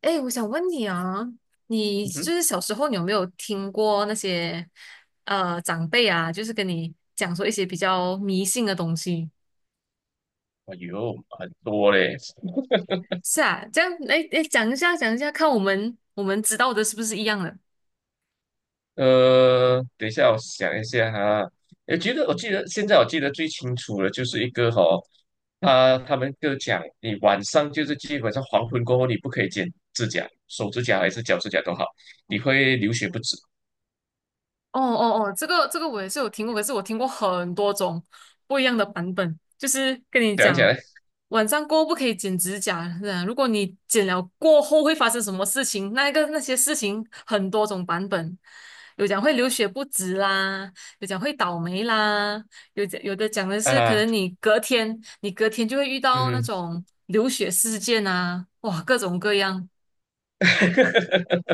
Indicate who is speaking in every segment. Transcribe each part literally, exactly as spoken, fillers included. Speaker 1: 哎，我想问你啊，你
Speaker 2: 嗯
Speaker 1: 就
Speaker 2: 哼，
Speaker 1: 是小时候你有没有听过那些呃长辈啊，就是跟你讲说一些比较迷信的东西？
Speaker 2: 哎呦，很多嘞。
Speaker 1: 是啊，这样，哎哎，讲一下，讲一下，看我们我们知道的是不是一样的？
Speaker 2: 呃，等一下，我想一下哈。我觉得，我记得现在我记得最清楚的就是一个哈、他他们就讲，你晚上就是基本上黄昏过后，你不可以剪指甲，手指甲还是脚指甲都好，你会流血不止。
Speaker 1: 哦哦哦，这个这个我也是有听过，可是我听过很多种不一样的版本。就是跟你
Speaker 2: 讲起
Speaker 1: 讲，
Speaker 2: 来
Speaker 1: 晚上过后不可以剪指甲，是啊，如果你剪了过后会发生什么事情，那个那些事情很多种版本，有讲会流血不止啦，有讲会倒霉啦，有讲有的讲的是可
Speaker 2: 啊，
Speaker 1: 能你隔天你隔天就会遇到那
Speaker 2: 嗯
Speaker 1: 种流血事件啊，哇，各种各样。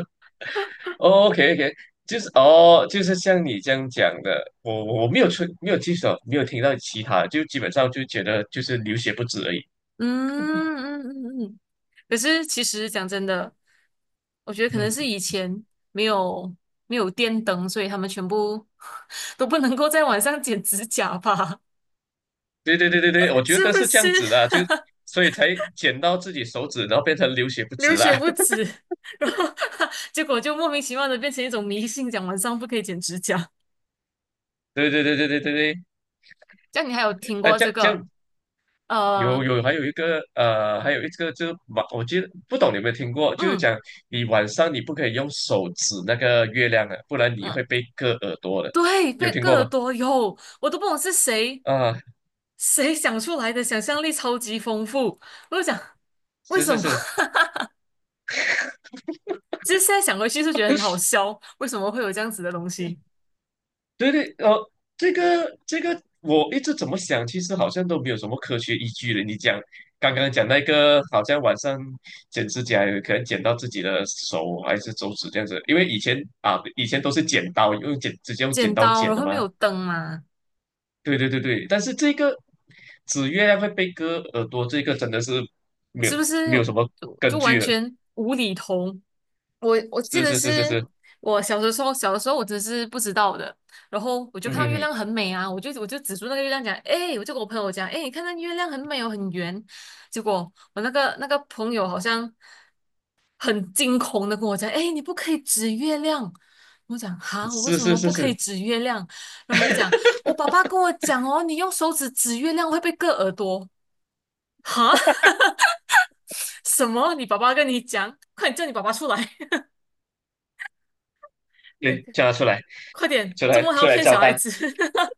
Speaker 2: ，OK OK，就是哦，就是像你这样讲的，我我我没有出没有记手，没有听到其他的，就基本上就觉得就是流血不止而已。
Speaker 1: 嗯嗯嗯嗯。可是其实讲真的，我觉得可能是
Speaker 2: 嗯。
Speaker 1: 以前没有没有电灯，所以他们全部 都不能够在晚上剪指甲吧？
Speaker 2: 对对对对对，我 觉
Speaker 1: 是
Speaker 2: 得
Speaker 1: 不
Speaker 2: 是这
Speaker 1: 是
Speaker 2: 样子的，就所以才剪到自己手指，然后变成流血 不
Speaker 1: 流
Speaker 2: 止啦。
Speaker 1: 血不 止？然后 结果就莫名其妙的变成一种迷信，讲晚上不可以剪指甲。
Speaker 2: 对对对对对对对，
Speaker 1: 这样你还有听
Speaker 2: 呃，
Speaker 1: 过
Speaker 2: 这
Speaker 1: 这
Speaker 2: 样这
Speaker 1: 个？
Speaker 2: 样有
Speaker 1: 呃，
Speaker 2: 有还有一个呃，还有一个就是晚，我记得不懂你有没有听过，就是
Speaker 1: 嗯
Speaker 2: 讲你晚上你不可以用手指那个月亮的，不然你
Speaker 1: 嗯，
Speaker 2: 会被割耳朵的，
Speaker 1: 对，
Speaker 2: 有
Speaker 1: 被
Speaker 2: 听
Speaker 1: 克
Speaker 2: 过
Speaker 1: 耳
Speaker 2: 吗？
Speaker 1: 朵有，我都不懂是谁。
Speaker 2: 啊，
Speaker 1: 谁想出来的？想象力超级丰富。我就想，为
Speaker 2: 是
Speaker 1: 什
Speaker 2: 是
Speaker 1: 么？
Speaker 2: 是，
Speaker 1: 其实现在想回去是觉得很好笑，为什么会有这样子的东西？
Speaker 2: 对对，哦，这个这个，我一直怎么想，其实好像都没有什么科学依据的。你讲刚刚讲那个，好像晚上剪指甲，有可能剪到自己的手还是手指这样子，因为以前啊，以前都是剪刀，用剪直接用剪
Speaker 1: 剪
Speaker 2: 刀
Speaker 1: 刀，
Speaker 2: 剪
Speaker 1: 然
Speaker 2: 的
Speaker 1: 后没
Speaker 2: 嘛。
Speaker 1: 有灯嘛，
Speaker 2: 对对对对，但是这个指月亮会被割耳朵，这个真的是没有
Speaker 1: 是不是
Speaker 2: 没有什么
Speaker 1: 就就
Speaker 2: 根
Speaker 1: 完
Speaker 2: 据了。
Speaker 1: 全无厘头？我我记
Speaker 2: 是
Speaker 1: 得
Speaker 2: 是是是
Speaker 1: 是
Speaker 2: 是，
Speaker 1: 我小的时候，小的时候我真是不知道的。然后我就
Speaker 2: 嗯
Speaker 1: 看到
Speaker 2: 哼
Speaker 1: 月
Speaker 2: 哼，
Speaker 1: 亮很美啊，我就我就指住那个月亮讲，哎，我就跟我朋友讲，哎，你看那月亮很美哦，很圆。结果我那个那个朋友好像很惊恐的跟我讲：“哎，你不可以指月亮。”我讲：“哈，我为
Speaker 2: 是
Speaker 1: 什
Speaker 2: 是
Speaker 1: 么
Speaker 2: 是
Speaker 1: 不可以
Speaker 2: 是，
Speaker 1: 指月亮？”然后他就讲：“我爸爸跟我讲哦，你用手指指月亮会被割耳朵。”哈，什么？你爸爸跟你讲？快点叫你爸爸出来！那
Speaker 2: 对，
Speaker 1: 个，
Speaker 2: 叫他出来，
Speaker 1: 快点，
Speaker 2: 出
Speaker 1: 周
Speaker 2: 来
Speaker 1: 末还
Speaker 2: 出
Speaker 1: 要
Speaker 2: 来
Speaker 1: 骗
Speaker 2: 交
Speaker 1: 小孩
Speaker 2: 代。
Speaker 1: 子？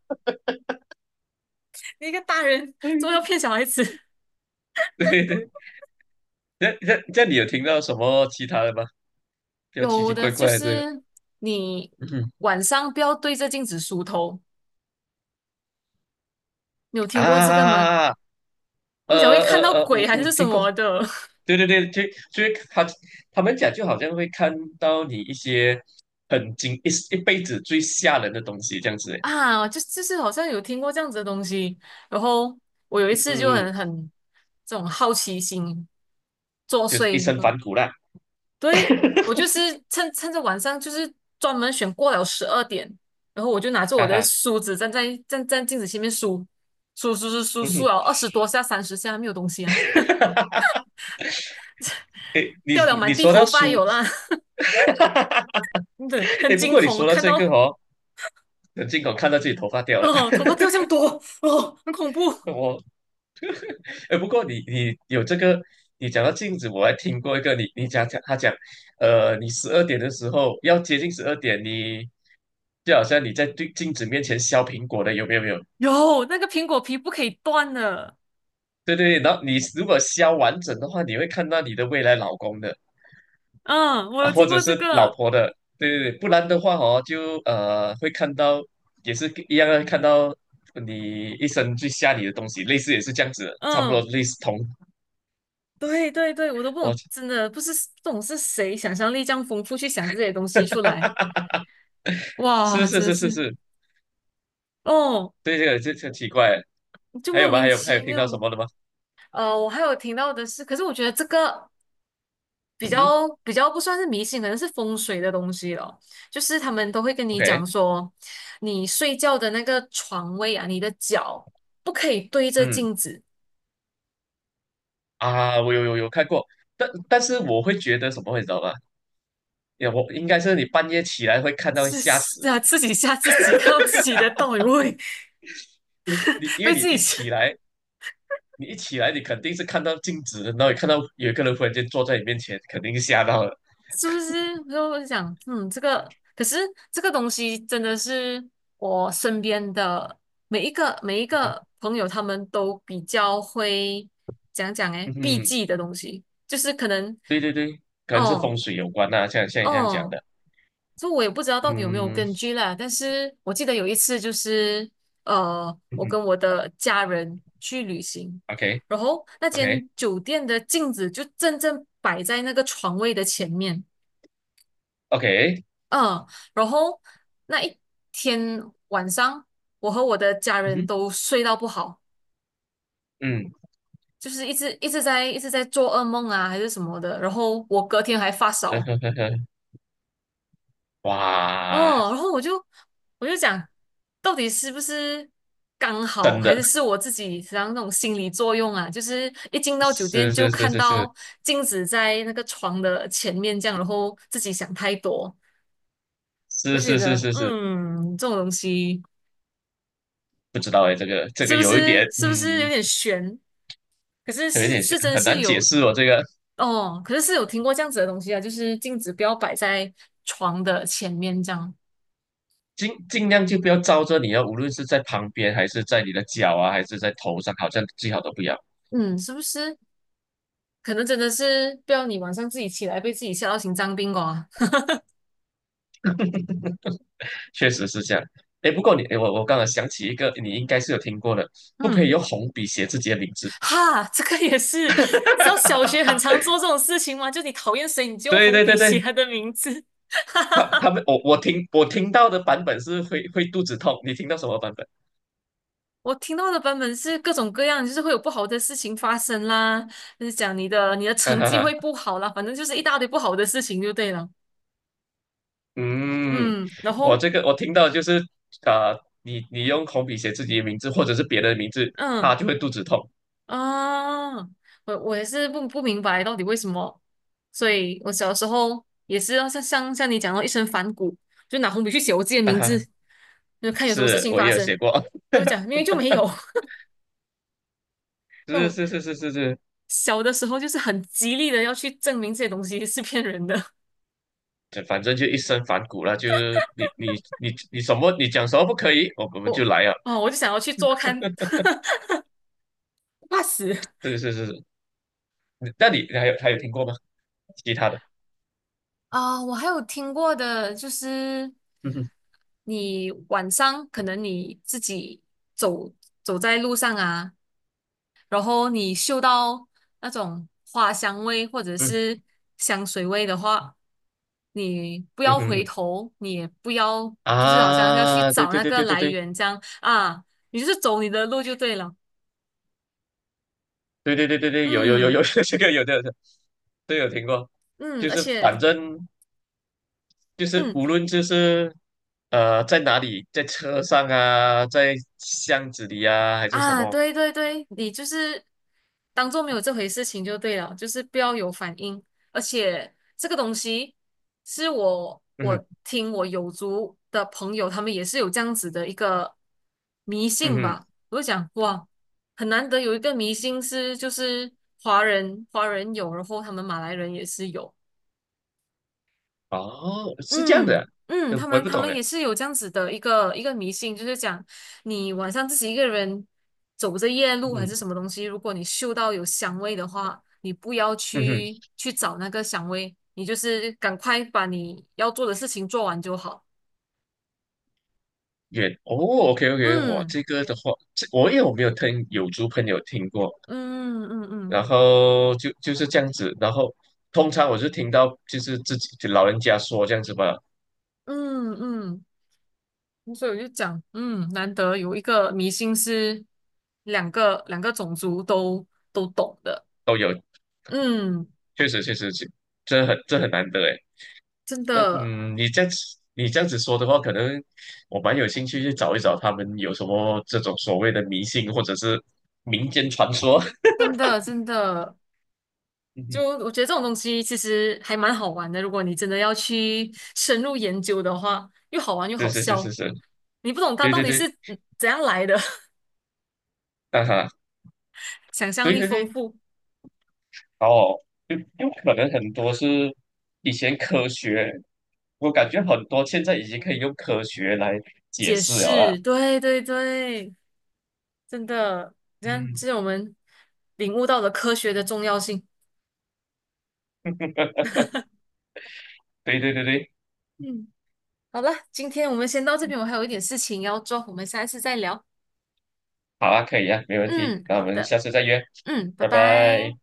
Speaker 1: 你一个大人，周末
Speaker 2: 嗯，
Speaker 1: 要骗小孩子？
Speaker 2: 对对。那那那你有听到什么其他的吗？比较奇
Speaker 1: 有
Speaker 2: 奇
Speaker 1: 的
Speaker 2: 怪
Speaker 1: 就
Speaker 2: 怪的这个，
Speaker 1: 是你
Speaker 2: 嗯哼
Speaker 1: 晚上不要对着镜子梳头，你有听过这个吗？
Speaker 2: 啊，呃
Speaker 1: 我们讲会看到
Speaker 2: 呃呃，
Speaker 1: 鬼
Speaker 2: 我
Speaker 1: 还
Speaker 2: 我
Speaker 1: 是什
Speaker 2: 听过，
Speaker 1: 么的。
Speaker 2: 对对对，就就是他他们讲就好像会看到你一些很惊一一辈子最吓人的东西这样子，
Speaker 1: 啊，就就是好像有听过这样子的东西。然后我有一
Speaker 2: 嗯，
Speaker 1: 次就
Speaker 2: 嗯，
Speaker 1: 很很这种好奇心作
Speaker 2: 就是一
Speaker 1: 祟，
Speaker 2: 身
Speaker 1: 呃
Speaker 2: 反骨啦
Speaker 1: 对，我 就是趁趁着晚上，就是专门选过了十二点，然后我就拿着我
Speaker 2: 哈
Speaker 1: 的
Speaker 2: 哈，
Speaker 1: 梳子站在站站镜子前面梳梳梳梳梳
Speaker 2: 嗯
Speaker 1: 梳
Speaker 2: 哼，
Speaker 1: 了二十多下、三十下，没有东西啊，
Speaker 2: 诶，你
Speaker 1: 掉了
Speaker 2: 你
Speaker 1: 满
Speaker 2: 你
Speaker 1: 地
Speaker 2: 说
Speaker 1: 头
Speaker 2: 到
Speaker 1: 发
Speaker 2: 书，
Speaker 1: 有啦，真的很
Speaker 2: 诶，不
Speaker 1: 惊
Speaker 2: 过你
Speaker 1: 恐，我
Speaker 2: 说到
Speaker 1: 看
Speaker 2: 这个
Speaker 1: 到
Speaker 2: 哦，很惊恐，看到自己头发掉了，
Speaker 1: 哦头发掉这样多哦，很恐怖。
Speaker 2: 我哎，不过你你有这个，你讲到镜子，我还听过一个，你你讲讲他讲，呃，你十二点的时候要接近十二点，你就好像你在对镜子面前削苹果的，有没有？没有？
Speaker 1: 有那个苹果皮不可以断的。
Speaker 2: 对对对，然后你如果削完整的话，你会看到你的未来老公的
Speaker 1: 嗯，我
Speaker 2: 啊，
Speaker 1: 有
Speaker 2: 或
Speaker 1: 听
Speaker 2: 者
Speaker 1: 过这
Speaker 2: 是老
Speaker 1: 个，
Speaker 2: 婆的，对对对，不然的话哦，就呃会看到也是一样的，看到你一生最下你的东西，类似也是这样子的差不多
Speaker 1: 嗯，
Speaker 2: 类似同，
Speaker 1: 对对对，我都不懂，
Speaker 2: 我
Speaker 1: 真的不是不懂是谁想象力这样丰富去想这些东西出来，
Speaker 2: 是
Speaker 1: 哇，
Speaker 2: 是
Speaker 1: 真的
Speaker 2: 是是
Speaker 1: 是，
Speaker 2: 是，
Speaker 1: 哦，
Speaker 2: 对这个这很奇怪。
Speaker 1: 就
Speaker 2: 还有
Speaker 1: 莫
Speaker 2: 吗？
Speaker 1: 名
Speaker 2: 还有还有
Speaker 1: 其
Speaker 2: 听
Speaker 1: 妙。
Speaker 2: 到什么的吗？
Speaker 1: 呃，我还有听到的是，可是我觉得这个比
Speaker 2: 嗯哼
Speaker 1: 较比较不算是迷信，可能是风水的东西了，就是他们都会跟你
Speaker 2: ，OK，
Speaker 1: 讲说，你睡觉的那个床位啊，你的脚不可以对着
Speaker 2: 嗯
Speaker 1: 镜子。
Speaker 2: 啊，我有有有看过，但但是我会觉得什么，你知道吗？呀，我应该是你半夜起来会看 到
Speaker 1: 是
Speaker 2: 吓
Speaker 1: 是
Speaker 2: 死，
Speaker 1: 啊，自己吓自己，看到自己的倒影，会
Speaker 2: 因为你因为
Speaker 1: 被
Speaker 2: 你
Speaker 1: 自己
Speaker 2: 一
Speaker 1: 吓，
Speaker 2: 起来，你一起来，你肯定是看到镜子，然后你看到有一个人忽然间坐在你面前，肯定是吓到了。
Speaker 1: 是不是？就我就想，嗯，这个可是这个东西真的是我身边的每一个每一
Speaker 2: 嗯哼，
Speaker 1: 个朋友，他们都比较会讲讲诶，
Speaker 2: 嗯
Speaker 1: 避
Speaker 2: 哼
Speaker 1: 忌的东西，就是可能
Speaker 2: 对对对，可能是
Speaker 1: 哦
Speaker 2: 风水有关呐、像像你这样讲
Speaker 1: 哦，
Speaker 2: 的。
Speaker 1: 就我也不知道到底有没有
Speaker 2: 嗯
Speaker 1: 根据啦。但是我记得有一次就是呃，
Speaker 2: 嗯
Speaker 1: 我
Speaker 2: 哼
Speaker 1: 跟我的家人去旅行，
Speaker 2: ，OK
Speaker 1: 然后那
Speaker 2: OK
Speaker 1: 间酒店的镜子就正正摆在那个床位的前面。
Speaker 2: OK，
Speaker 1: 嗯，然后那一天晚上，我和我的家
Speaker 2: 嗯
Speaker 1: 人
Speaker 2: 哼
Speaker 1: 都睡到不好，
Speaker 2: 嗯，
Speaker 1: 就是一直一直在一直在做噩梦啊，还是什么的。然后我隔天还发烧，
Speaker 2: 哇，
Speaker 1: 哦，然后我就我就讲，到底是不是刚好，
Speaker 2: 真
Speaker 1: 还
Speaker 2: 的
Speaker 1: 是是我自己实际上那种心理作用啊？就是一进到酒店
Speaker 2: 是
Speaker 1: 就
Speaker 2: 是是
Speaker 1: 看
Speaker 2: 是是。
Speaker 1: 到镜子在那个床的前面这样，然后自己想太多。我
Speaker 2: 是
Speaker 1: 就觉
Speaker 2: 是是
Speaker 1: 得，
Speaker 2: 是是，
Speaker 1: 嗯，这种东西
Speaker 2: 不知道哎，这个这
Speaker 1: 是
Speaker 2: 个
Speaker 1: 不
Speaker 2: 有一
Speaker 1: 是
Speaker 2: 点，
Speaker 1: 是不是有
Speaker 2: 嗯，
Speaker 1: 点悬？可是
Speaker 2: 有一
Speaker 1: 是
Speaker 2: 点
Speaker 1: 是
Speaker 2: 像
Speaker 1: 真
Speaker 2: 很
Speaker 1: 是
Speaker 2: 难解
Speaker 1: 有
Speaker 2: 释哦。这个
Speaker 1: 哦，可是是有听过这样子的东西啊，就是镜子不要摆在床的前面这样，
Speaker 2: 尽尽量就不要招着你啊，无论是在旁边，还是在你的脚啊，还是在头上，好像最好都不要。
Speaker 1: 嗯，是不是？可能真的是不要你晚上自己起来被自己吓到心脏病哦啊。
Speaker 2: 确实是这样。哎，不过你，诶我我刚才想起一个，你应该是有听过的，不可
Speaker 1: 嗯，
Speaker 2: 以用红笔写自己的名字。
Speaker 1: 哈，这个也是，知道小学很常做这种事情吗？就你讨厌谁，你就用
Speaker 2: 对
Speaker 1: 红
Speaker 2: 对
Speaker 1: 笔
Speaker 2: 对
Speaker 1: 写
Speaker 2: 对，
Speaker 1: 他的名字。
Speaker 2: 他他们我我听我听到的版本是会会肚子痛，你听到什么版本？
Speaker 1: 我听到的版本是各种各样，就是会有不好的事情发生啦，就是讲你的你的成绩会 不好啦，反正就是一大堆不好的事情就对了。
Speaker 2: 嗯，
Speaker 1: 嗯，然
Speaker 2: 我
Speaker 1: 后
Speaker 2: 这个我听到就是啊、你你用红笔写自己的名字或者是别人的名字，他
Speaker 1: 嗯。
Speaker 2: 就会肚子痛
Speaker 1: 啊，我我也是不不明白到底为什么，所以我小时候也是要像像像你讲到一身反骨，就拿红笔去写我自己的名
Speaker 2: 啊。
Speaker 1: 字，就看有什么事
Speaker 2: 是
Speaker 1: 情
Speaker 2: 我
Speaker 1: 发
Speaker 2: 也有
Speaker 1: 生，
Speaker 2: 写过，
Speaker 1: 我就讲明明就没有 那
Speaker 2: 是
Speaker 1: 种。
Speaker 2: 是是是是是，
Speaker 1: 小的时候就是很极力的要去证明这些东西是骗人的，
Speaker 2: 这反正就一身反骨了。就是你你你你什么你讲什么不可以，我我们就
Speaker 1: 我
Speaker 2: 来啊。
Speaker 1: 哦我就想要去做看，怕死。
Speaker 2: 是是是是，那你还有还有听过吗？其他的，
Speaker 1: 啊，我还有听过的，就是
Speaker 2: 嗯哼
Speaker 1: 你晚上可能你自己走走在路上啊，然后你嗅到那种花香味或者
Speaker 2: 嗯
Speaker 1: 是香水味的话，你不
Speaker 2: 嗯
Speaker 1: 要
Speaker 2: 哼
Speaker 1: 回
Speaker 2: 嗯
Speaker 1: 头，你也不要就是好像要去
Speaker 2: 啊，对
Speaker 1: 找
Speaker 2: 对
Speaker 1: 那
Speaker 2: 对
Speaker 1: 个
Speaker 2: 对对
Speaker 1: 来
Speaker 2: 对
Speaker 1: 源这样啊，你就是走你的路就对了。
Speaker 2: 对对对对对，有有有
Speaker 1: 嗯
Speaker 2: 有 这个有的，这个有听过，
Speaker 1: 嗯，
Speaker 2: 就
Speaker 1: 而
Speaker 2: 是反
Speaker 1: 且
Speaker 2: 正。就是
Speaker 1: 嗯，
Speaker 2: 无论就是呃在哪里，在车上啊，在巷子里啊，还是什
Speaker 1: 啊，
Speaker 2: 么，
Speaker 1: 对对对，你就是当做没有这回事情就对了，就是不要有反应。而且这个东西是我
Speaker 2: 嗯
Speaker 1: 我
Speaker 2: 哼
Speaker 1: 听我友族的朋友，他们也是有这样子的一个迷
Speaker 2: 嗯
Speaker 1: 信
Speaker 2: 哼，
Speaker 1: 吧。我就想，哇，很难得有一个迷信是就是华人华人有，然后他们马来人也是有。
Speaker 2: 哦，是这样的
Speaker 1: 嗯
Speaker 2: 啊，
Speaker 1: 嗯，
Speaker 2: 呃
Speaker 1: 他
Speaker 2: 我也
Speaker 1: 们
Speaker 2: 不
Speaker 1: 他
Speaker 2: 懂
Speaker 1: 们
Speaker 2: 哎，
Speaker 1: 也是有这样子的一个一个迷信，就是讲你晚上自己一个人走着夜路还是
Speaker 2: 嗯
Speaker 1: 什么东西，如果你嗅到有香味的话，你不要
Speaker 2: 嗯哼，
Speaker 1: 去去找那个香味，你就是赶快把你要做的事情做完就好。
Speaker 2: 远哦，OK OK，我
Speaker 1: 嗯
Speaker 2: 这个的话，这我因为我没有听有族朋友听过，
Speaker 1: 嗯嗯
Speaker 2: 然
Speaker 1: 嗯
Speaker 2: 后就就是这样子，然后通常我是听到就是自己就老人家说这样子吧，
Speaker 1: 嗯嗯，所以我就讲，嗯，难得有一个迷信是两个两个种族都都懂的，
Speaker 2: 都有，
Speaker 1: 嗯，
Speaker 2: 确实确实，这这很这很难得哎。
Speaker 1: 真
Speaker 2: 但
Speaker 1: 的
Speaker 2: 嗯，你这样子你这样子说的话，可能我蛮有兴趣去找一找他们有什么这种所谓的迷信或者是民间传说。
Speaker 1: 真的真的，
Speaker 2: 嗯
Speaker 1: 就
Speaker 2: 哼，
Speaker 1: 我觉得这种东西其实还蛮好玩的，如果你真的要去深入研究的话，又好玩又
Speaker 2: 是
Speaker 1: 好
Speaker 2: 是是
Speaker 1: 笑。
Speaker 2: 是是，
Speaker 1: 你不懂它
Speaker 2: 对
Speaker 1: 到
Speaker 2: 对
Speaker 1: 底是
Speaker 2: 对，
Speaker 1: 嗯怎样来的，
Speaker 2: 啊哈，
Speaker 1: 想象
Speaker 2: 对
Speaker 1: 力
Speaker 2: 对
Speaker 1: 丰
Speaker 2: 对，
Speaker 1: 富，
Speaker 2: 哦，就有可能很多是以前科学，我感觉很多现在已经可以用科学来解
Speaker 1: 解
Speaker 2: 释了
Speaker 1: 释，
Speaker 2: 啦。
Speaker 1: 对对对，真的，你看，
Speaker 2: 嗯，
Speaker 1: 这是我们领悟到了科学的重要性。
Speaker 2: 对对对对，
Speaker 1: 嗯，好了，今天我们先到这边，我还有一点事情要做，我们下一次再聊。
Speaker 2: 好啊，可以啊，没问题，
Speaker 1: 嗯，
Speaker 2: 那我
Speaker 1: 好
Speaker 2: 们
Speaker 1: 的，
Speaker 2: 下次再约，
Speaker 1: 嗯，拜
Speaker 2: 拜
Speaker 1: 拜。
Speaker 2: 拜。